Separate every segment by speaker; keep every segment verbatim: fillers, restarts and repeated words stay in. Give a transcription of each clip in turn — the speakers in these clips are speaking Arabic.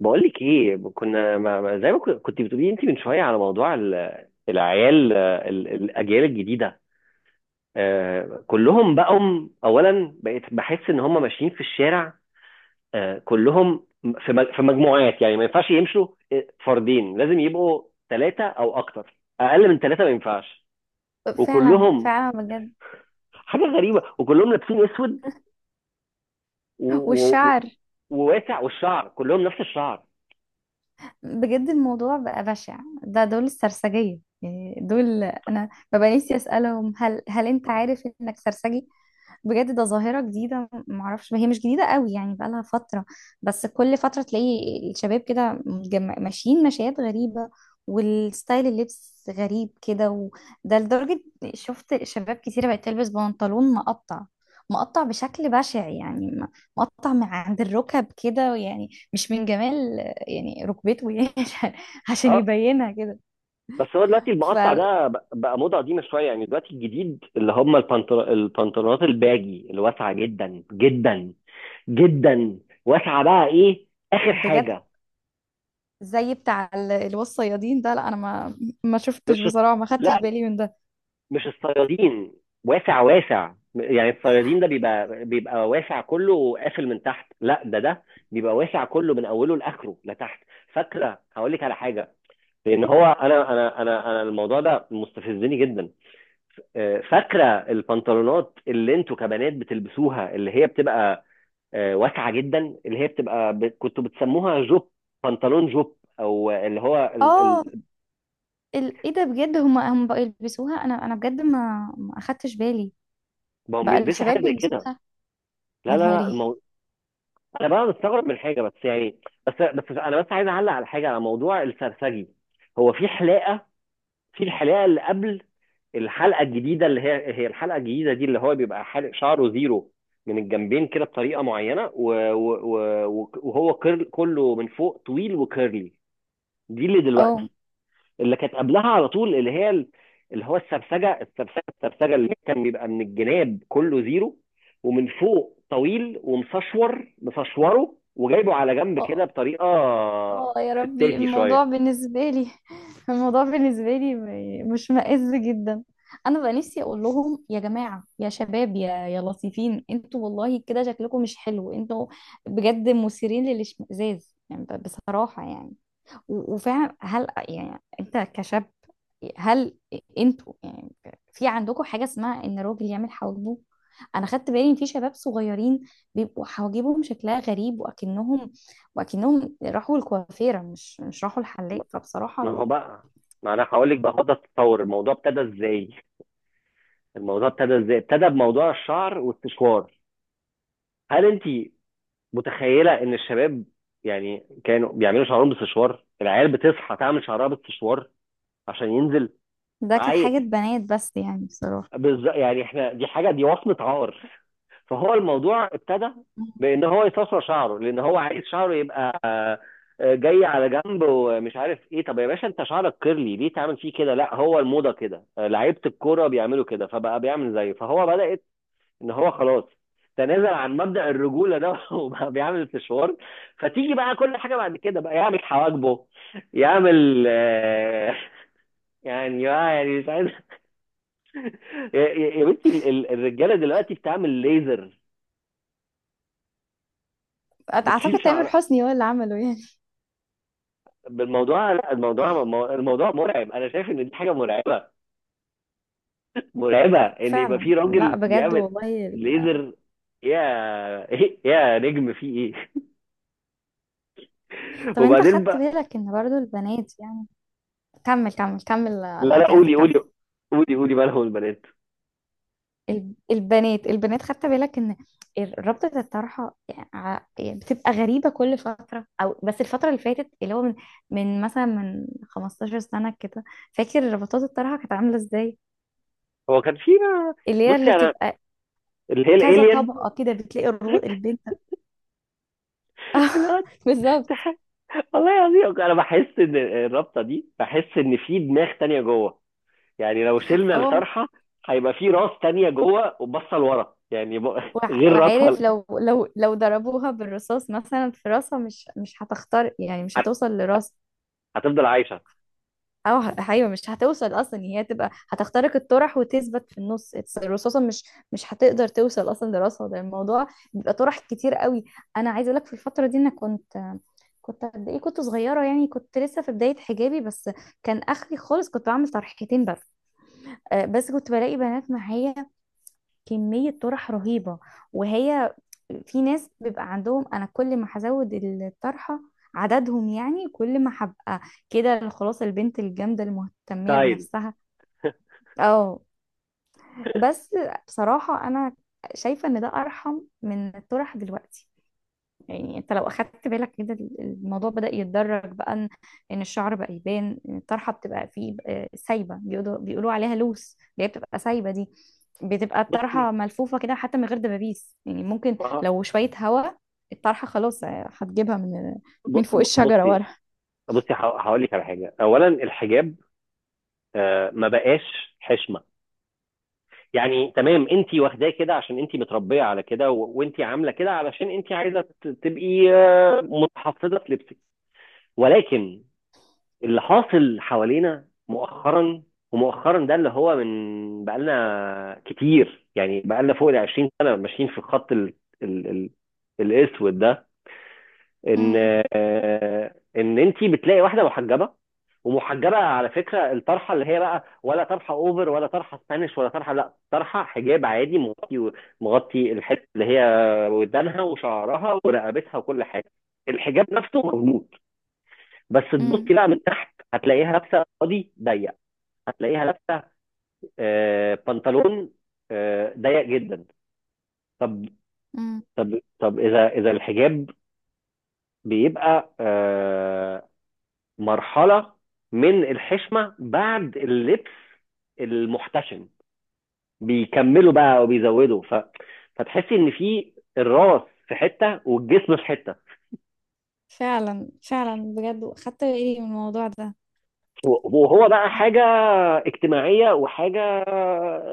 Speaker 1: بقول لك ايه، كنا ما ما- زي ما كن- كنت بتقولي انت من شويه على موضوع ال- العيال، آه، ال- الاجيال الجديده. آه، كلهم بقوا. اولا بقيت بحس ان هم ماشيين في الشارع، آه، كلهم في مج- في مجموعات، يعني ما ينفعش يمشوا آه، فردين، لازم يبقوا ثلاثه او اكتر، اقل من ثلاثه ما ينفعش.
Speaker 2: فعلا
Speaker 1: وكلهم
Speaker 2: فعلا بجد.
Speaker 1: حاجه غريبه، وكلهم لابسين اسود و- و- و-
Speaker 2: والشعر
Speaker 1: وواسع، والشعر كلهم نفس الشعر.
Speaker 2: بجد الموضوع بقى بشع. ده دول السرسجية، يعني دول انا ببقى نفسي اسالهم هل هل انت عارف انك سرسجي؟ بجد ده ظاهرة جديدة، معرفش هي مش جديدة قوي، يعني بقالها فترة. بس كل فترة تلاقي الشباب كده متجم- ماشيين مشيات غريبة، والستايل اللبس غريب كده. وده لدرجة شفت شباب كتيرة بقت تلبس بنطلون مقطع، مقطع بشكل بشع، يعني م- مقطع من عند الركب كده، يعني مش من جمال يعني ركبته يعني عشان عشان
Speaker 1: آه،
Speaker 2: يبينها كده.
Speaker 1: بس هو دلوقتي المقطع ده بق- بقى موضة قديمة شوية، يعني دلوقتي الجديد اللي هم البنطر... البنطلونات الباجي اللي واسعة جدا جدا جدا، واسعة بقى ايه، آخر
Speaker 2: فبجد
Speaker 1: حاجة.
Speaker 2: زي بتاع ال- اللي هو الصيادين ده. لا انا ما ما شفتش
Speaker 1: مش،
Speaker 2: بصراحه، ما خدتش
Speaker 1: لا
Speaker 2: بالي من ده.
Speaker 1: مش الصيادين واسع واسع، يعني الصيادين ده بيبقى بيبقى واسع كله وقافل من تحت، لا ده ده بيبقى واسع كله من اوله لاخره لتحت. فاكره هقول لك على حاجه، لان هو انا انا انا انا الموضوع ده مستفزني جدا. آه، فاكره البنطلونات اللي انتوا كبنات بتلبسوها، اللي هي بتبقى آه، واسعه جدا، اللي هي بتبقى ب... كنتوا بتسموها جوب، بنطلون جوب، او اللي هو ال...
Speaker 2: اه
Speaker 1: ال...
Speaker 2: ال- ايه ده بجد، هم هم بقوا يلبسوها؟ انا انا بجد ما ما اخدتش بالي.
Speaker 1: بقوا
Speaker 2: بقى
Speaker 1: بيلبسوا
Speaker 2: الشباب
Speaker 1: حاجه زي كده.
Speaker 2: بيلبسوها؟ يا
Speaker 1: لا لا لا
Speaker 2: نهاري.
Speaker 1: المو... انا بقى مستغرب من حاجه، بس يعني بس بس انا بس عايز اعلق على حاجه، على موضوع السرسجي. هو في حلاقه، في الحلقه اللي قبل الحلقه الجديده، اللي هي هي الحلقه الجديده دي، اللي هو بيبقى حالق شعره زيرو من الجنبين كده بطريقه معينه و... و... و... وهو كيرل كله، من فوق طويل وكيرلي. دي اللي دلوقتي،
Speaker 2: اه،
Speaker 1: اللي كانت قبلها على طول اللي هي ال- اللي هو السرسجه السرسجه السرسجه اللي كان بيبقى من الجناب كله زيرو، ومن فوق طويل ومسشور، مسشوره وجايبه على جنب كده بطريقه
Speaker 2: اه يا ربي
Speaker 1: ستاتي
Speaker 2: الموضوع
Speaker 1: شويه.
Speaker 2: بالنسبة لي الموضوع بالنسبة لي م- مش مائز جدا. انا بقى نفسي اقول لهم يا جماعة، يا شباب، يا يا لطيفين انتوا، والله كده شكلكم مش حلو انتوا، بجد مثيرين للاشمئزاز، يعني ب- بصراحة يعني. و- وفعلا هل يعني انت كشاب، هل انتوا يعني في عندكم حاجة اسمها ان الراجل يعمل حواجبه؟ انا خدت بالي ان في شباب صغيرين بيبقوا حواجبهم شكلها غريب، واكنهم واكنهم راحوا الكوافيرة، مش مش راحوا الحلاق. فبصراحة
Speaker 1: ما
Speaker 2: ال-
Speaker 1: هو بقى، ما انا هقول لك بقى، خد تتصور الموضوع ابتدى ازاي. الموضوع ابتدى ازاي؟ ابتدى بموضوع الشعر والسشوار. هل انت متخيله ان الشباب يعني كانوا بيعملوا شعرهم بالسشوار؟ العيال بتصحى تعمل شعرها بالسشوار عشان ينزل.
Speaker 2: ده كانت
Speaker 1: عاي
Speaker 2: حاجة بنات بس يعني بصراحة.
Speaker 1: بز... يعني احنا دي حاجه، دي وصمه عار. فهو الموضوع ابتدى بان هو يستصغر شعره، لان هو عايز شعره يبقى آه، آه، جاي على جنب ومش عارف ايه. طب يا باشا، انت شعرك كيرلي، ليه تعمل فيه كده؟ لا هو الموضه كده، آه، لعيبه الكوره بيعملوا كده فبقى بيعمل زيه. فهو بدات ان هو خلاص تنازل عن مبدأ الرجولة ده وبقى بيعمل استشوار. فتيجي بقى كل حاجة بعد كده، بقى يعمل حواجبه، يعمل آه، يعني آه، يعني مش عايز. يا يا- يا بنتي، ال- ال- الرجالة دلوقتي بتعمل ليزر،
Speaker 2: أت-
Speaker 1: بتشيل
Speaker 2: اعتقد تامر
Speaker 1: شعر.
Speaker 2: حسني هو اللي عمله يعني.
Speaker 1: بالموضوع، لا الموضوع، الموضوع مرعب. انا شايف ان دي حاجه مرعبه، مرعبه ان يبقى
Speaker 2: فعلا،
Speaker 1: في
Speaker 2: لا
Speaker 1: راجل
Speaker 2: بجد
Speaker 1: بيعمل
Speaker 2: والله ال-.
Speaker 1: ليزر. يا إيه يا نجم، في ايه؟
Speaker 2: طب انت
Speaker 1: وبعدين
Speaker 2: خدت
Speaker 1: بقى،
Speaker 2: بالك ان برضو البنات يعني، كمل كمل كمل
Speaker 1: لا
Speaker 2: انا
Speaker 1: لا
Speaker 2: قطعتك
Speaker 1: قولي
Speaker 2: كمل.
Speaker 1: قولي قولي قولي مالهم البنات.
Speaker 2: الب- البنات البنات خدت بالك ان ال- رابطة الطرحة ع- يعني بتبقى غريبة كل فترة؟ او بس الفترة اللي فاتت، اللي هو من, من مثلا من خمستاشر سنة كده، فاكر ربطات الطرحة كانت عاملة ازاي؟
Speaker 1: هو كان في،
Speaker 2: اللي هي
Speaker 1: بصي
Speaker 2: اللي
Speaker 1: انا
Speaker 2: بتبقى
Speaker 1: اللي هي
Speaker 2: كذا
Speaker 1: الالين.
Speaker 2: طبقة كده، بتلاقي الرو... البنت آه،
Speaker 1: لا،
Speaker 2: بالظبط.
Speaker 1: تستحق. والله العظيم انا بحس ان الرابطه دي، بحس ان في دماغ تانية جوه. يعني لو شلنا
Speaker 2: اه
Speaker 1: الطرحه هيبقى في راس تانية جوه وبصه لورا، يعني ب-
Speaker 2: وع-
Speaker 1: غير
Speaker 2: وعارف
Speaker 1: راسها.
Speaker 2: لو لو لو ضربوها بالرصاص مثلا في راسها، مش مش هتختار، يعني مش
Speaker 1: هت-
Speaker 2: هتوصل لراسها.
Speaker 1: هتفضل عايشه،
Speaker 2: اه، ه- ايوه مش هتوصل اصلا، يعني هي تبقى هتخترق الطرح وتثبت في النص. it's- الرصاصه مش مش هتقدر توصل اصلا لراسها. ده الموضوع بيبقى طرح كتير قوي. انا عايزه اقول لك في الفتره دي انا كنت كنت قد ايه، كنت صغيره يعني، كنت لسه في بدايه حجابي بس. كان اخري خالص كنت بعمل طرحتين بس. آه، بس كنت بلاقي بنات معايا كمية طرح رهيبة. وهي في ناس بيبقى عندهم، أنا كل ما هزود الطرحة عددهم، يعني كل ما هبقى كده خلاص البنت الجامدة المهتمية
Speaker 1: ستايل.
Speaker 2: بنفسها. اه بس بصراحة أنا شايفة إن ده أرحم من الطرح دلوقتي. يعني انت لو اخدت بالك كده، الموضوع بدأ يتدرج بقى ان ان الشعر بقى يبان، ان الطرحه بتبقى فيه آه، سايبه، بيقولوا بيقولوا عليها لوس، اللي هي بتبقى سايبه دي. بتبقى
Speaker 1: بصي
Speaker 2: الطرحه ملفوفه كده حتى من غير دبابيس، يعني ممكن
Speaker 1: آه،
Speaker 2: لو شويه هوا الطرحه خلاص، آه، هتجيبها من
Speaker 1: ب-
Speaker 2: من فوق
Speaker 1: ب-
Speaker 2: الشجره
Speaker 1: بصي،
Speaker 2: ورا.
Speaker 1: بصي ه- هقول لك على حاجه. اولا الحجاب، آه، ما بقاش حشمه. يعني تمام انت واخداه كده عشان انت متربيه على كده، وانت عامله كده علشان انت عايزه ت- تبقي آه، متحفظه في لبسك. ولكن اللي حاصل حوالينا مؤخرا، ومؤخرا ده اللي هو من بقالنا كتير، يعني بقالنا فوق ال عشرين سنه ماشيين في الخط ال ال ال الاسود ده. ان
Speaker 2: امم.
Speaker 1: آه، ان انت بتلاقي واحده محجبه، ومحجبه على فكره، الطرحه اللي هي بقى ولا طرحه اوفر، ولا طرحه سبانيش، ولا طرحه، لا طرحه حجاب عادي مغطي، مغطي الحته اللي هي ودانها وشعرها ورقبتها وكل حاجه. الحجاب نفسه موجود، بس
Speaker 2: امم.
Speaker 1: تبصي بقى من تحت هتلاقيها لابسه قاضي ضيق، هتلاقيها لابسه آه، بنطلون آه، ضيق جدا. طب،
Speaker 2: امم
Speaker 1: طب طب اذا، اذا الحجاب بيبقى آه، مرحلة من الحشمة، بعد اللبس المحتشم بيكملوا بقى وبيزودوا ف... فتحسي ان في الراس في حتة والجسم في حتة.
Speaker 2: فعلا فعلا بجد، خدت بالي من الموضوع ده.
Speaker 1: وهو بقى حاجة اجتماعية وحاجة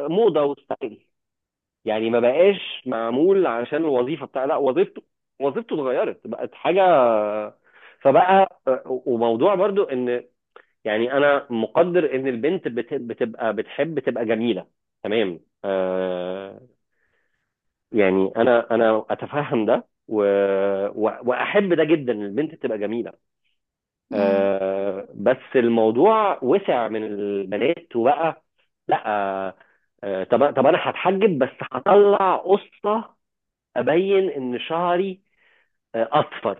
Speaker 1: موضة وستايل، يعني ما بقاش معمول عشان الوظيفة بتاع، لا وظيفته، وظيفته اتغيرت بقت حاجة. فبقى وموضوع برضو، ان يعني انا مقدر ان البنت بت- بتبقى بتحب تبقى جميله، تمام، آه، يعني انا انا اتفهم ده و... و- واحب ده جدا، إن البنت تبقى جميله.
Speaker 2: امم.
Speaker 1: آه بس الموضوع وسع من البنات وبقى، لا آه، طب طب انا هتحجب بس هطلع قصه ابين ان شعري آه، اصفر،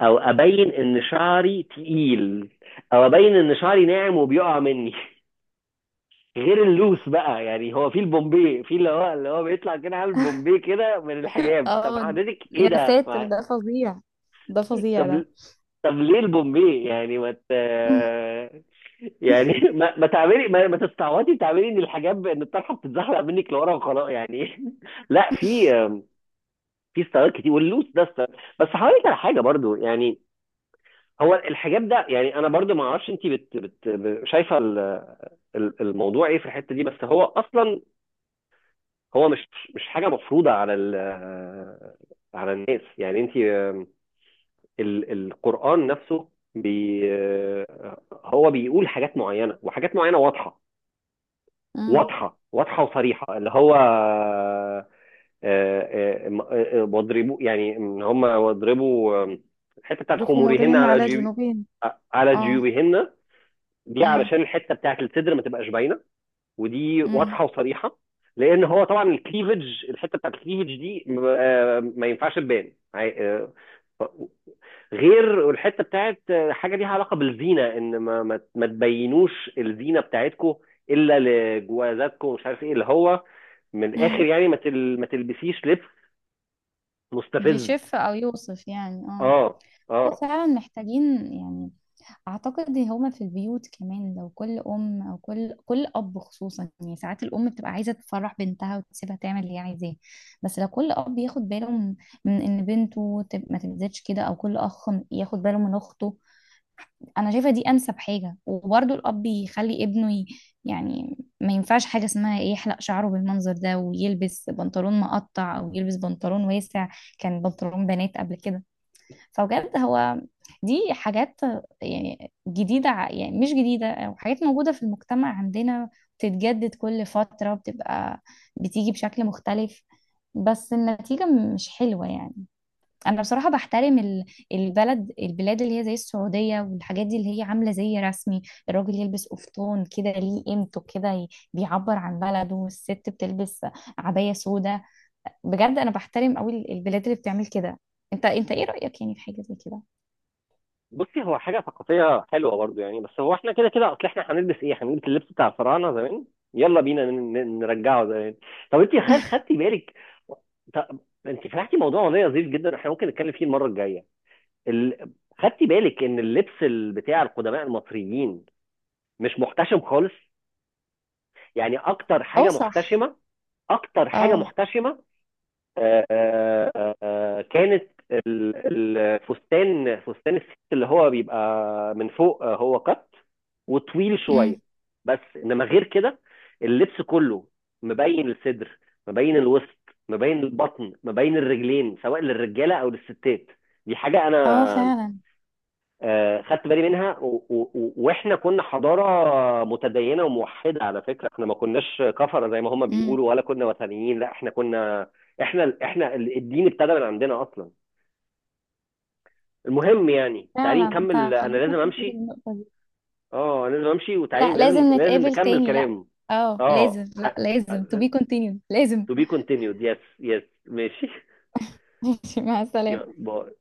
Speaker 1: او ابين ان شعري تقيل، او ابين ان شعري ناعم وبيقع مني غير اللوس بقى، يعني هو في البومبي، في اللي هو اللي هو بيطلع كده عامل بومبي كده من الحجاب. طب
Speaker 2: اه
Speaker 1: حضرتك ايه
Speaker 2: يا
Speaker 1: ده؟
Speaker 2: ساتر
Speaker 1: مع-
Speaker 2: ده فظيع، ده فظيع ده.
Speaker 1: طب، طب ليه البومبي؟ يعني ما ت... يعني ما, ما تعملي، ما, ما تستعوضي تعملي ان الحجاب، ان الطرحه بتتزحلق منك لورا وخلاص يعني. لا في، في ستايلات كتير، واللوس ده ستايل. بس هقول على حاجه برضو يعني، هو الحجاب ده يعني انا برضو ما اعرفش انت بت بت شايفه ال- ال- الموضوع ايه في الحته دي. بس هو اصلا هو مش مش حاجه مفروضه على ال، على الناس. يعني انت آم، ال- القران نفسه بي آه، هو بيقول حاجات معينه، وحاجات معينه واضحه،
Speaker 2: امم.
Speaker 1: واضحه واضحه وصريحه، اللي هو آه، آه، آه، م- آه، آه، واضربوا، يعني ان هم واضربوا آم، الحته بتاعت خمورهن
Speaker 2: بخمورهم
Speaker 1: على
Speaker 2: على
Speaker 1: جيوب
Speaker 2: جنوبهم.
Speaker 1: آه، على
Speaker 2: اه.
Speaker 1: جيوبهن. دي
Speaker 2: امم.
Speaker 1: علشان الحته بتاعت الصدر ما تبقاش باينه، ودي
Speaker 2: امم.
Speaker 1: واضحه وصريحه. لان هو طبعا الكليفج، الحته بتاعت الكليفج دي م- آه، ما ينفعش تبان عي- آه، ف- غير الحته بتاعت آه، حاجه ليها علاقه بالزينه، ان ما ما ما تبينوش الزينه بتاعتكم الا لجوازاتكم ومش عارف ايه، اللي هو من الاخر
Speaker 2: امم.
Speaker 1: يعني ما تل ما تلبسيش لبس مستفز.
Speaker 2: يشف او يوصف يعني اه.
Speaker 1: اه،
Speaker 2: هو
Speaker 1: اه،
Speaker 2: فعلا محتاجين يعني، اعتقد إن هما في البيوت كمان لو كل ام او كل كل اب خصوصا، يعني ساعات الام بتبقى عايزه تفرح بنتها وتسيبها تعمل اللي هي عايزاه. بس لو كل اب ياخد باله من من ان بنته تب- ما تبذلش كده، او كل اخ ياخد باله من اخته. انا شايفه دي انسب حاجه. وبرضه الاب يخلي ابنه ي... يعني ما ينفعش حاجه اسمها إيه، يحلق شعره بالمنظر ده ويلبس بنطلون مقطع، او يلبس بنطلون واسع كان بنطلون بنات قبل كده. فبجد هو دي حاجات يعني جديده، ع- يعني مش جديده، او حاجات موجوده في المجتمع عندنا بتتجدد كل فتره، بتبقى بتيجي بشكل مختلف بس النتيجه مش حلوه يعني. انا بصراحه بحترم ال- البلد، البلاد اللي هي زي السعوديه والحاجات دي اللي هي عامله زي رسمي، الراجل يلبس قفطان كده ليه قيمته كده ي- بيعبر عن بلده، والست بتلبس عبايه سودا. بجد انا بحترم قوي ال- البلاد اللي بتعمل كده. انت انت ايه رايك يعني في حاجه زي كده؟
Speaker 1: بصي هو حاجة ثقافية حلوة برضو يعني. بس هو احنا كده كده، اصل احنا هنلبس ايه؟ هنلبس اللبس بتاع الفراعنة زمان؟ يلا بينا ن- ن- نرجعه زمان. طب انت خل خدتي بالك، طب انت فتحتي موضوع والله لذيذ جدا، احنا ممكن نتكلم فيه المرة الجاية. ال... خدتي بالك ان اللبس ال- بتاع القدماء المصريين مش محتشم خالص؟ يعني اكتر
Speaker 2: اه
Speaker 1: حاجة
Speaker 2: صح.
Speaker 1: محتشمة، اكتر حاجة
Speaker 2: اه.
Speaker 1: محتشمة آه، آه، آه، كانت ال- الفستان، فستان الست اللي هو بيبقى من فوق آه، هو قط وطويل
Speaker 2: امم.
Speaker 1: شويه، بس انما غير كده اللبس كله مبين الصدر، مبين الوسط، مبين البطن، مبين الرجلين، سواء للرجاله او للستات. دي حاجه
Speaker 2: اه
Speaker 1: انا
Speaker 2: فعلا.
Speaker 1: آه، خدت بالي منها، و- و- و- واحنا كنا حضاره متدينه وموحده، على فكره احنا ما كناش كفره زي ما هم
Speaker 2: امم.
Speaker 1: بيقولوا، ولا كنا وثنيين، لا احنا كنا، احنا احنا الدين ابتدى من عندنا اصلا. المهم يعني تعالي
Speaker 2: فعلا
Speaker 1: نكمل،
Speaker 2: انت
Speaker 1: انا
Speaker 2: خليتني
Speaker 1: لازم
Speaker 2: اخد بالي من
Speaker 1: امشي.
Speaker 2: النقطه دي.
Speaker 1: اه انا لازم امشي، وتعالي
Speaker 2: لا
Speaker 1: لازم،
Speaker 2: لازم
Speaker 1: لازم
Speaker 2: نتقابل
Speaker 1: نكمل
Speaker 2: تاني. لا
Speaker 1: كلام.
Speaker 2: اه لازم،
Speaker 1: اه
Speaker 2: لا
Speaker 1: ح-
Speaker 2: لازم to be continued لازم.
Speaker 1: to be continued, yes yes، ماشي.
Speaker 2: ماشي، مع
Speaker 1: يلا
Speaker 2: السلامه.
Speaker 1: باي.